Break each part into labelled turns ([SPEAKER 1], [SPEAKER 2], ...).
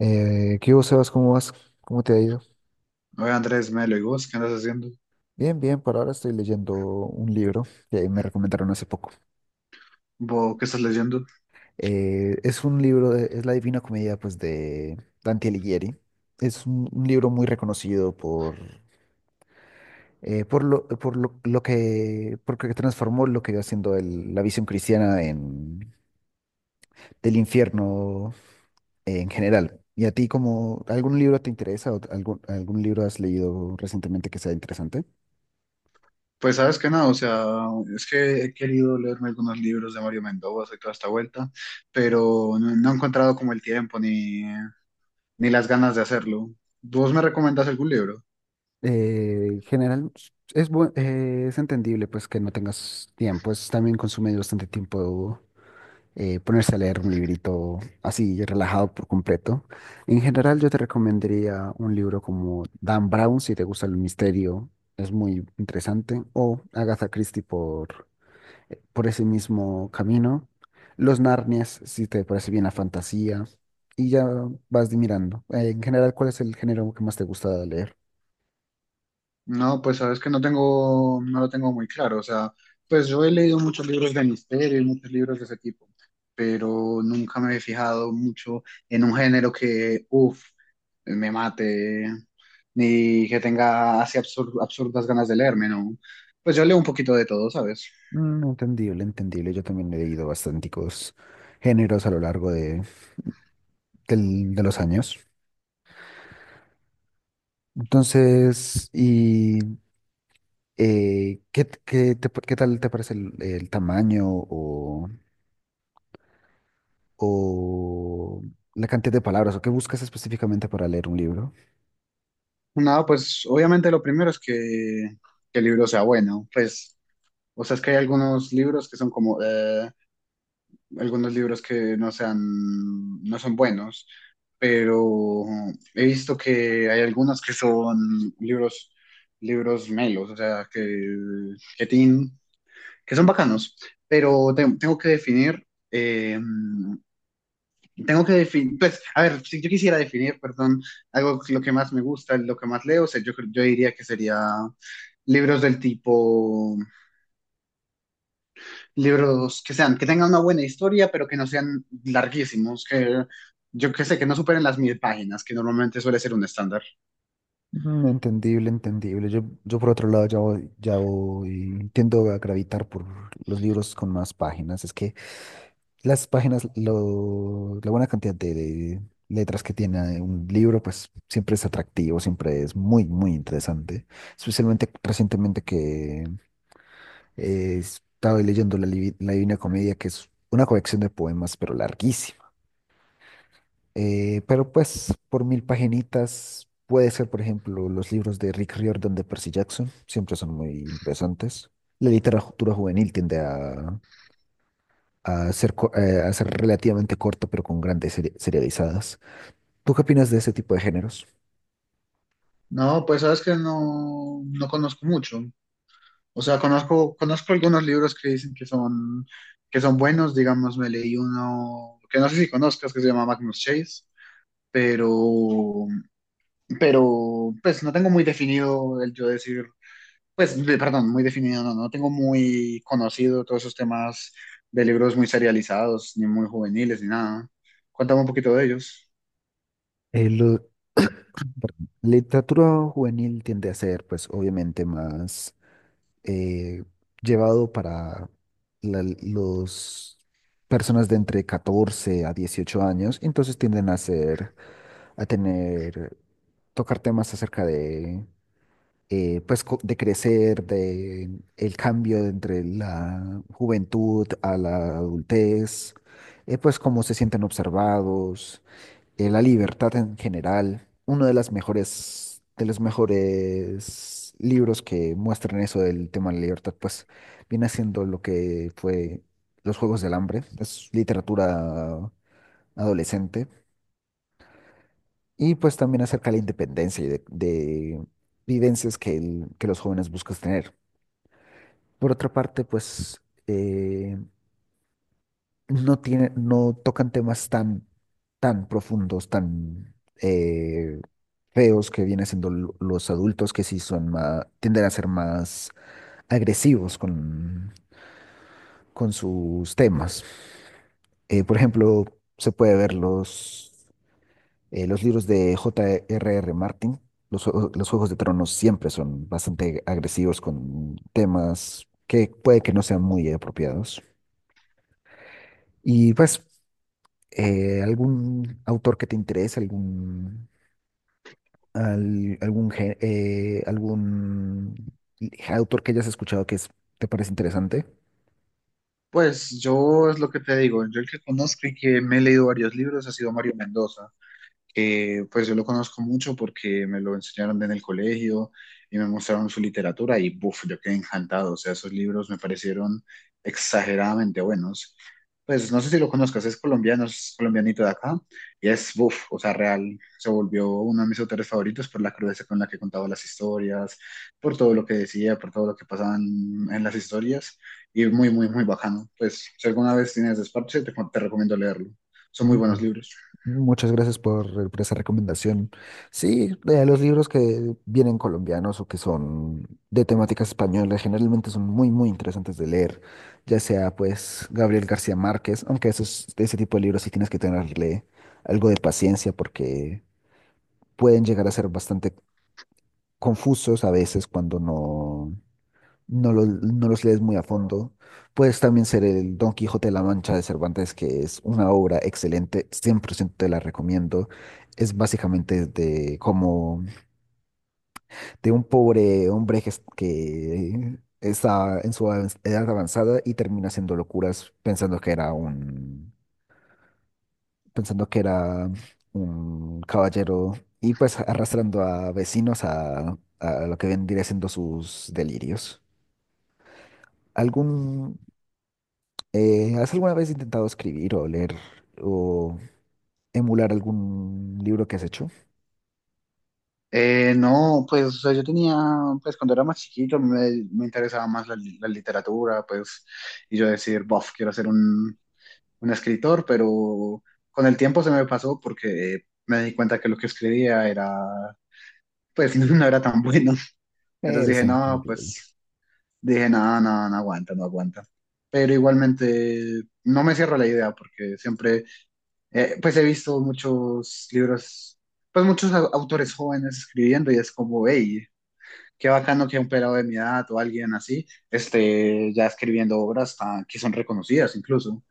[SPEAKER 1] ¿Qué hubo, Sebas? ¿Cómo vas? ¿Cómo te ha ido?
[SPEAKER 2] Oye, Andrés, Melo, ¿y vos qué andas haciendo?
[SPEAKER 1] Bien, bien, por ahora estoy leyendo un libro que me recomendaron hace poco.
[SPEAKER 2] ¿Vos qué estás leyendo?
[SPEAKER 1] Es un libro, es La Divina Comedia, pues, de Dante Alighieri. Es un libro muy reconocido porque transformó lo que iba siendo la visión cristiana del infierno en general. ¿Y a ti, como algún libro te interesa o algún libro has leído recientemente que sea interesante?
[SPEAKER 2] Pues sabes que nada, o sea, es que he querido leerme algunos libros de Mario Mendoza y toda esta vuelta, pero no, no he encontrado como el tiempo ni las ganas de hacerlo. ¿Vos me recomendás algún libro?
[SPEAKER 1] General, es entendible pues que no tengas tiempo, es también consume bastante tiempo ponerse a leer un librito así relajado por completo. En general yo te recomendaría un libro como Dan Brown si te gusta el misterio, es muy interesante, o Agatha Christie por ese mismo camino, Los Narnias si te parece bien la fantasía, y ya vas mirando. En general, ¿cuál es el género que más te gusta leer?
[SPEAKER 2] No, pues sabes que no tengo, no lo tengo muy claro. O sea, pues yo he leído muchos libros de misterio y muchos libros de ese tipo, pero nunca me he fijado mucho en un género que, uff, me mate, ni que tenga así absurdas ganas de leerme, ¿no? Pues yo leo un poquito de todo, ¿sabes?
[SPEAKER 1] Mm, entendible, entendible. Yo también he leído bastanticos géneros a lo largo de los años. Entonces, qué tal te parece el tamaño o la cantidad de palabras o qué buscas específicamente para leer un libro?
[SPEAKER 2] Nada, pues obviamente lo primero es que el libro sea bueno. Pues, o sea, es que hay algunos libros que son como, algunos libros que no sean, no son buenos, pero he visto que hay algunos que son libros, libros melos, o sea, que, tienen, que son bacanos, pero eh, tengo que definir, pues, a ver, si yo quisiera definir, perdón, algo lo que más me gusta, lo que más leo, o sea, yo diría que sería libros del tipo libros que sean, que tengan una buena historia, pero que no sean larguísimos, que yo que sé, que no superen las 1.000 páginas, que normalmente suele ser un estándar.
[SPEAKER 1] Mm, entendible, entendible. Yo por otro lado tiendo a gravitar por los libros con más páginas. Es que las páginas, la buena cantidad de letras que tiene un libro, pues siempre es atractivo, siempre es muy, muy interesante. Especialmente recientemente que estaba leyendo La Divina Comedia, que es una colección de poemas, pero larguísima. Pero pues por 1000 paginitas puede ser, por ejemplo, los libros de Rick Riordan de Percy Jackson, siempre son muy interesantes. La literatura juvenil tiende a ser, a ser relativamente corto, pero con grandes serializadas. ¿Tú qué opinas de ese tipo de géneros?
[SPEAKER 2] No, pues sabes que no, no conozco mucho. O sea, conozco algunos libros que dicen que son buenos, digamos, me leí uno que no sé si conozcas, que se llama Magnus Chase, pero, pero pues no tengo muy definido el yo decir, pues, perdón, muy definido, no, no tengo muy conocido todos esos temas de libros muy serializados, ni muy juveniles, ni nada. Cuéntame un poquito de ellos.
[SPEAKER 1] Eh, lo- Literatura juvenil tiende a ser, pues, obviamente más eh, llevado para los personas de entre 14 a 18 años, entonces tienden a ser, a tener, tocar temas acerca de pues de crecer, de el cambio entre la juventud a la adultez, pues cómo se sienten observados, la libertad en general. Uno de las mejores, de los mejores libros que muestran eso del tema de la libertad, pues viene siendo lo que fue Los Juegos del Hambre, es literatura adolescente, y pues también acerca de la independencia y de vivencias que, que los jóvenes buscan tener. Por otra parte, pues eh, no tocan temas tan, tan profundos, tan eh, feos que vienen siendo los adultos que sí son más, tienden a ser más agresivos con sus temas. Por ejemplo, se puede ver los libros de J. R. R. Martin. Los Juegos de Tronos siempre son bastante agresivos con temas que puede que no sean muy apropiados. Y pues algún autor que te interese, algún, al- algún, gé- algún autor que hayas escuchado te parece interesante.
[SPEAKER 2] Pues yo es lo que te digo, yo el que conozco y que me he leído varios libros ha sido Mario Mendoza. Que pues yo lo conozco mucho porque me lo enseñaron en el colegio y me mostraron su literatura y buf, yo quedé encantado, o sea, esos libros me parecieron exageradamente buenos. Pues no sé si lo conozcas, es colombiano, es colombianito de acá y es buf, o sea, real, se volvió uno de mis autores favoritos por la crudeza con la que contaba las historias, por todo lo que decía, por todo lo que pasaba en las historias y muy, muy, muy bacano. Pues si alguna vez tienes desparche, te recomiendo leerlo. Son muy buenos
[SPEAKER 1] Mm.
[SPEAKER 2] libros.
[SPEAKER 1] Muchas gracias por esa recomendación. Sí, los libros que vienen colombianos o que son de temáticas españolas generalmente son muy, muy interesantes de leer, ya sea pues Gabriel García Márquez, aunque de ese tipo de libros sí tienes que tenerle algo de paciencia porque pueden llegar a ser bastante confusos a veces cuando no los lees muy a fondo. Puedes también ser el Don Quijote de la Mancha de Cervantes, que es una obra excelente, 100% te la recomiendo. Es básicamente de como de un pobre hombre que está en su edad avanzada y termina haciendo locuras pensando que era un caballero y pues arrastrando a vecinos a lo que vendría siendo sus delirios. ¿Algún, Has alguna vez intentado escribir o leer o emular algún libro que has hecho?
[SPEAKER 2] No, pues o sea, yo tenía, pues cuando era más chiquito me interesaba más la literatura, pues, y yo decir, bof, quiero ser un, escritor, pero con el tiempo se me pasó porque me di cuenta que lo que escribía era, pues, no era tan bueno. Entonces
[SPEAKER 1] Es
[SPEAKER 2] dije, no,
[SPEAKER 1] entendible.
[SPEAKER 2] pues, dije, no, no, no aguanta, no aguanta. Pero igualmente no me cierro la idea porque siempre, pues, he visto muchos libros, pues, muchos autores jóvenes escribiendo y es como, hey, qué bacano que un pelado de mi edad o alguien así esté ya escribiendo obras que son reconocidas incluso.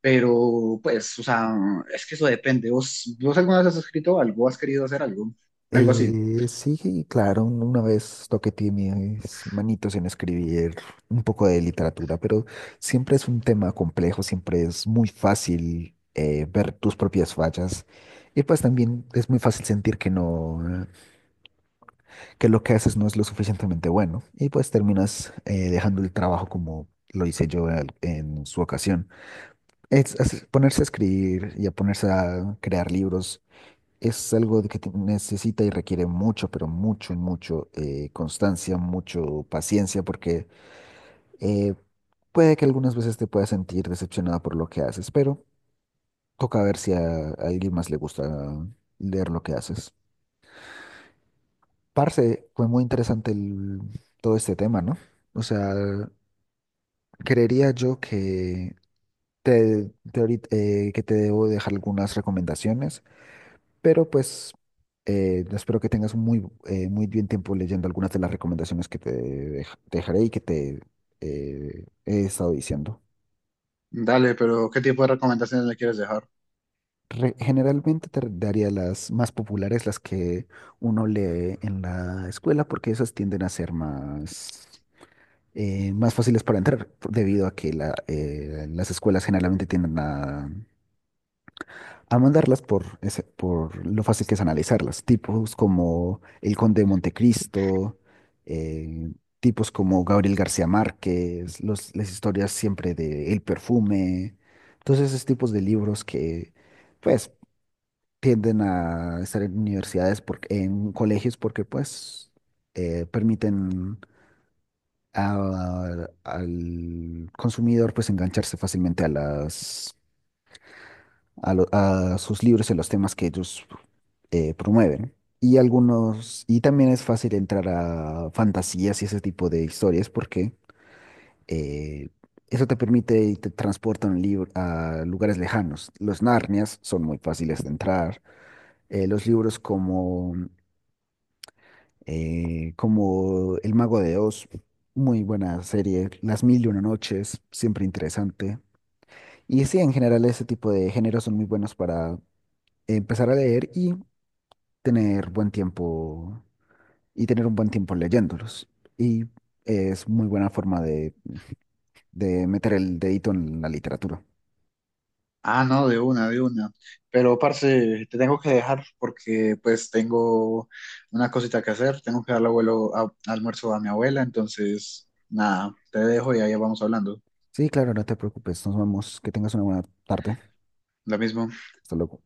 [SPEAKER 2] Pero pues, o sea, es que eso depende. ¿Vos alguna vez has escrito algo? ¿Has querido hacer algo? Algo así.
[SPEAKER 1] Sí, claro, una vez toqué mis manitos en escribir un poco de literatura, pero siempre es un tema complejo, siempre es muy fácil ver tus propias fallas y pues también es muy fácil sentir que no. Que lo que haces no es lo suficientemente bueno y pues terminas dejando el trabajo como lo hice yo en su ocasión. Es ponerse a escribir y a ponerse a crear libros es algo de que necesita y requiere mucho, pero mucho, mucho constancia, mucho paciencia porque eh, puede que algunas veces te puedas sentir decepcionada por lo que haces, pero toca ver si a alguien más le gusta leer lo que haces. Parce, fue muy interesante todo este tema, ¿no? O sea, creería yo que que te debo dejar algunas recomendaciones, pero pues espero que tengas un muy bien tiempo leyendo algunas de las recomendaciones que te dejaré y que te he estado diciendo.
[SPEAKER 2] Dale, pero ¿qué tipo de recomendaciones le quieres dejar?
[SPEAKER 1] Generalmente te daría las más populares, las que uno lee en la escuela, porque esas tienden a ser más fáciles para entrar, debido a que las escuelas generalmente tienden a mandarlas por lo fácil que es analizarlas. Tipos como El Conde de Montecristo, eh, tipos como Gabriel García Márquez, las historias siempre de El Perfume, todos esos tipos de libros que pues tienden a estar en universidades, porque, en colegios, porque pues permiten al consumidor pues engancharse fácilmente a las... A sus libros y a los temas que ellos promueven. Y también es fácil entrar a fantasías y ese tipo de historias porque eh, eso te permite y te transporta un libro a lugares lejanos. Los Narnias son muy fáciles de entrar. Los libros como El Mago de Oz, muy buena serie. Las Mil y Una Noches, siempre interesante. Y sí, en general ese tipo de géneros son muy buenos para empezar a leer y tener buen tiempo tener un buen tiempo leyéndolos. Y es muy buena forma de meter el dedito en la literatura.
[SPEAKER 2] Ah, no, de una, de una. Pero, parce, te tengo que dejar porque pues tengo una cosita que hacer. Tengo que darle almuerzo a mi abuela, entonces, nada, te dejo y ahí vamos hablando.
[SPEAKER 1] Sí, claro, no te preocupes. Nos vemos. Que tengas una buena tarde.
[SPEAKER 2] Lo mismo.
[SPEAKER 1] Hasta luego.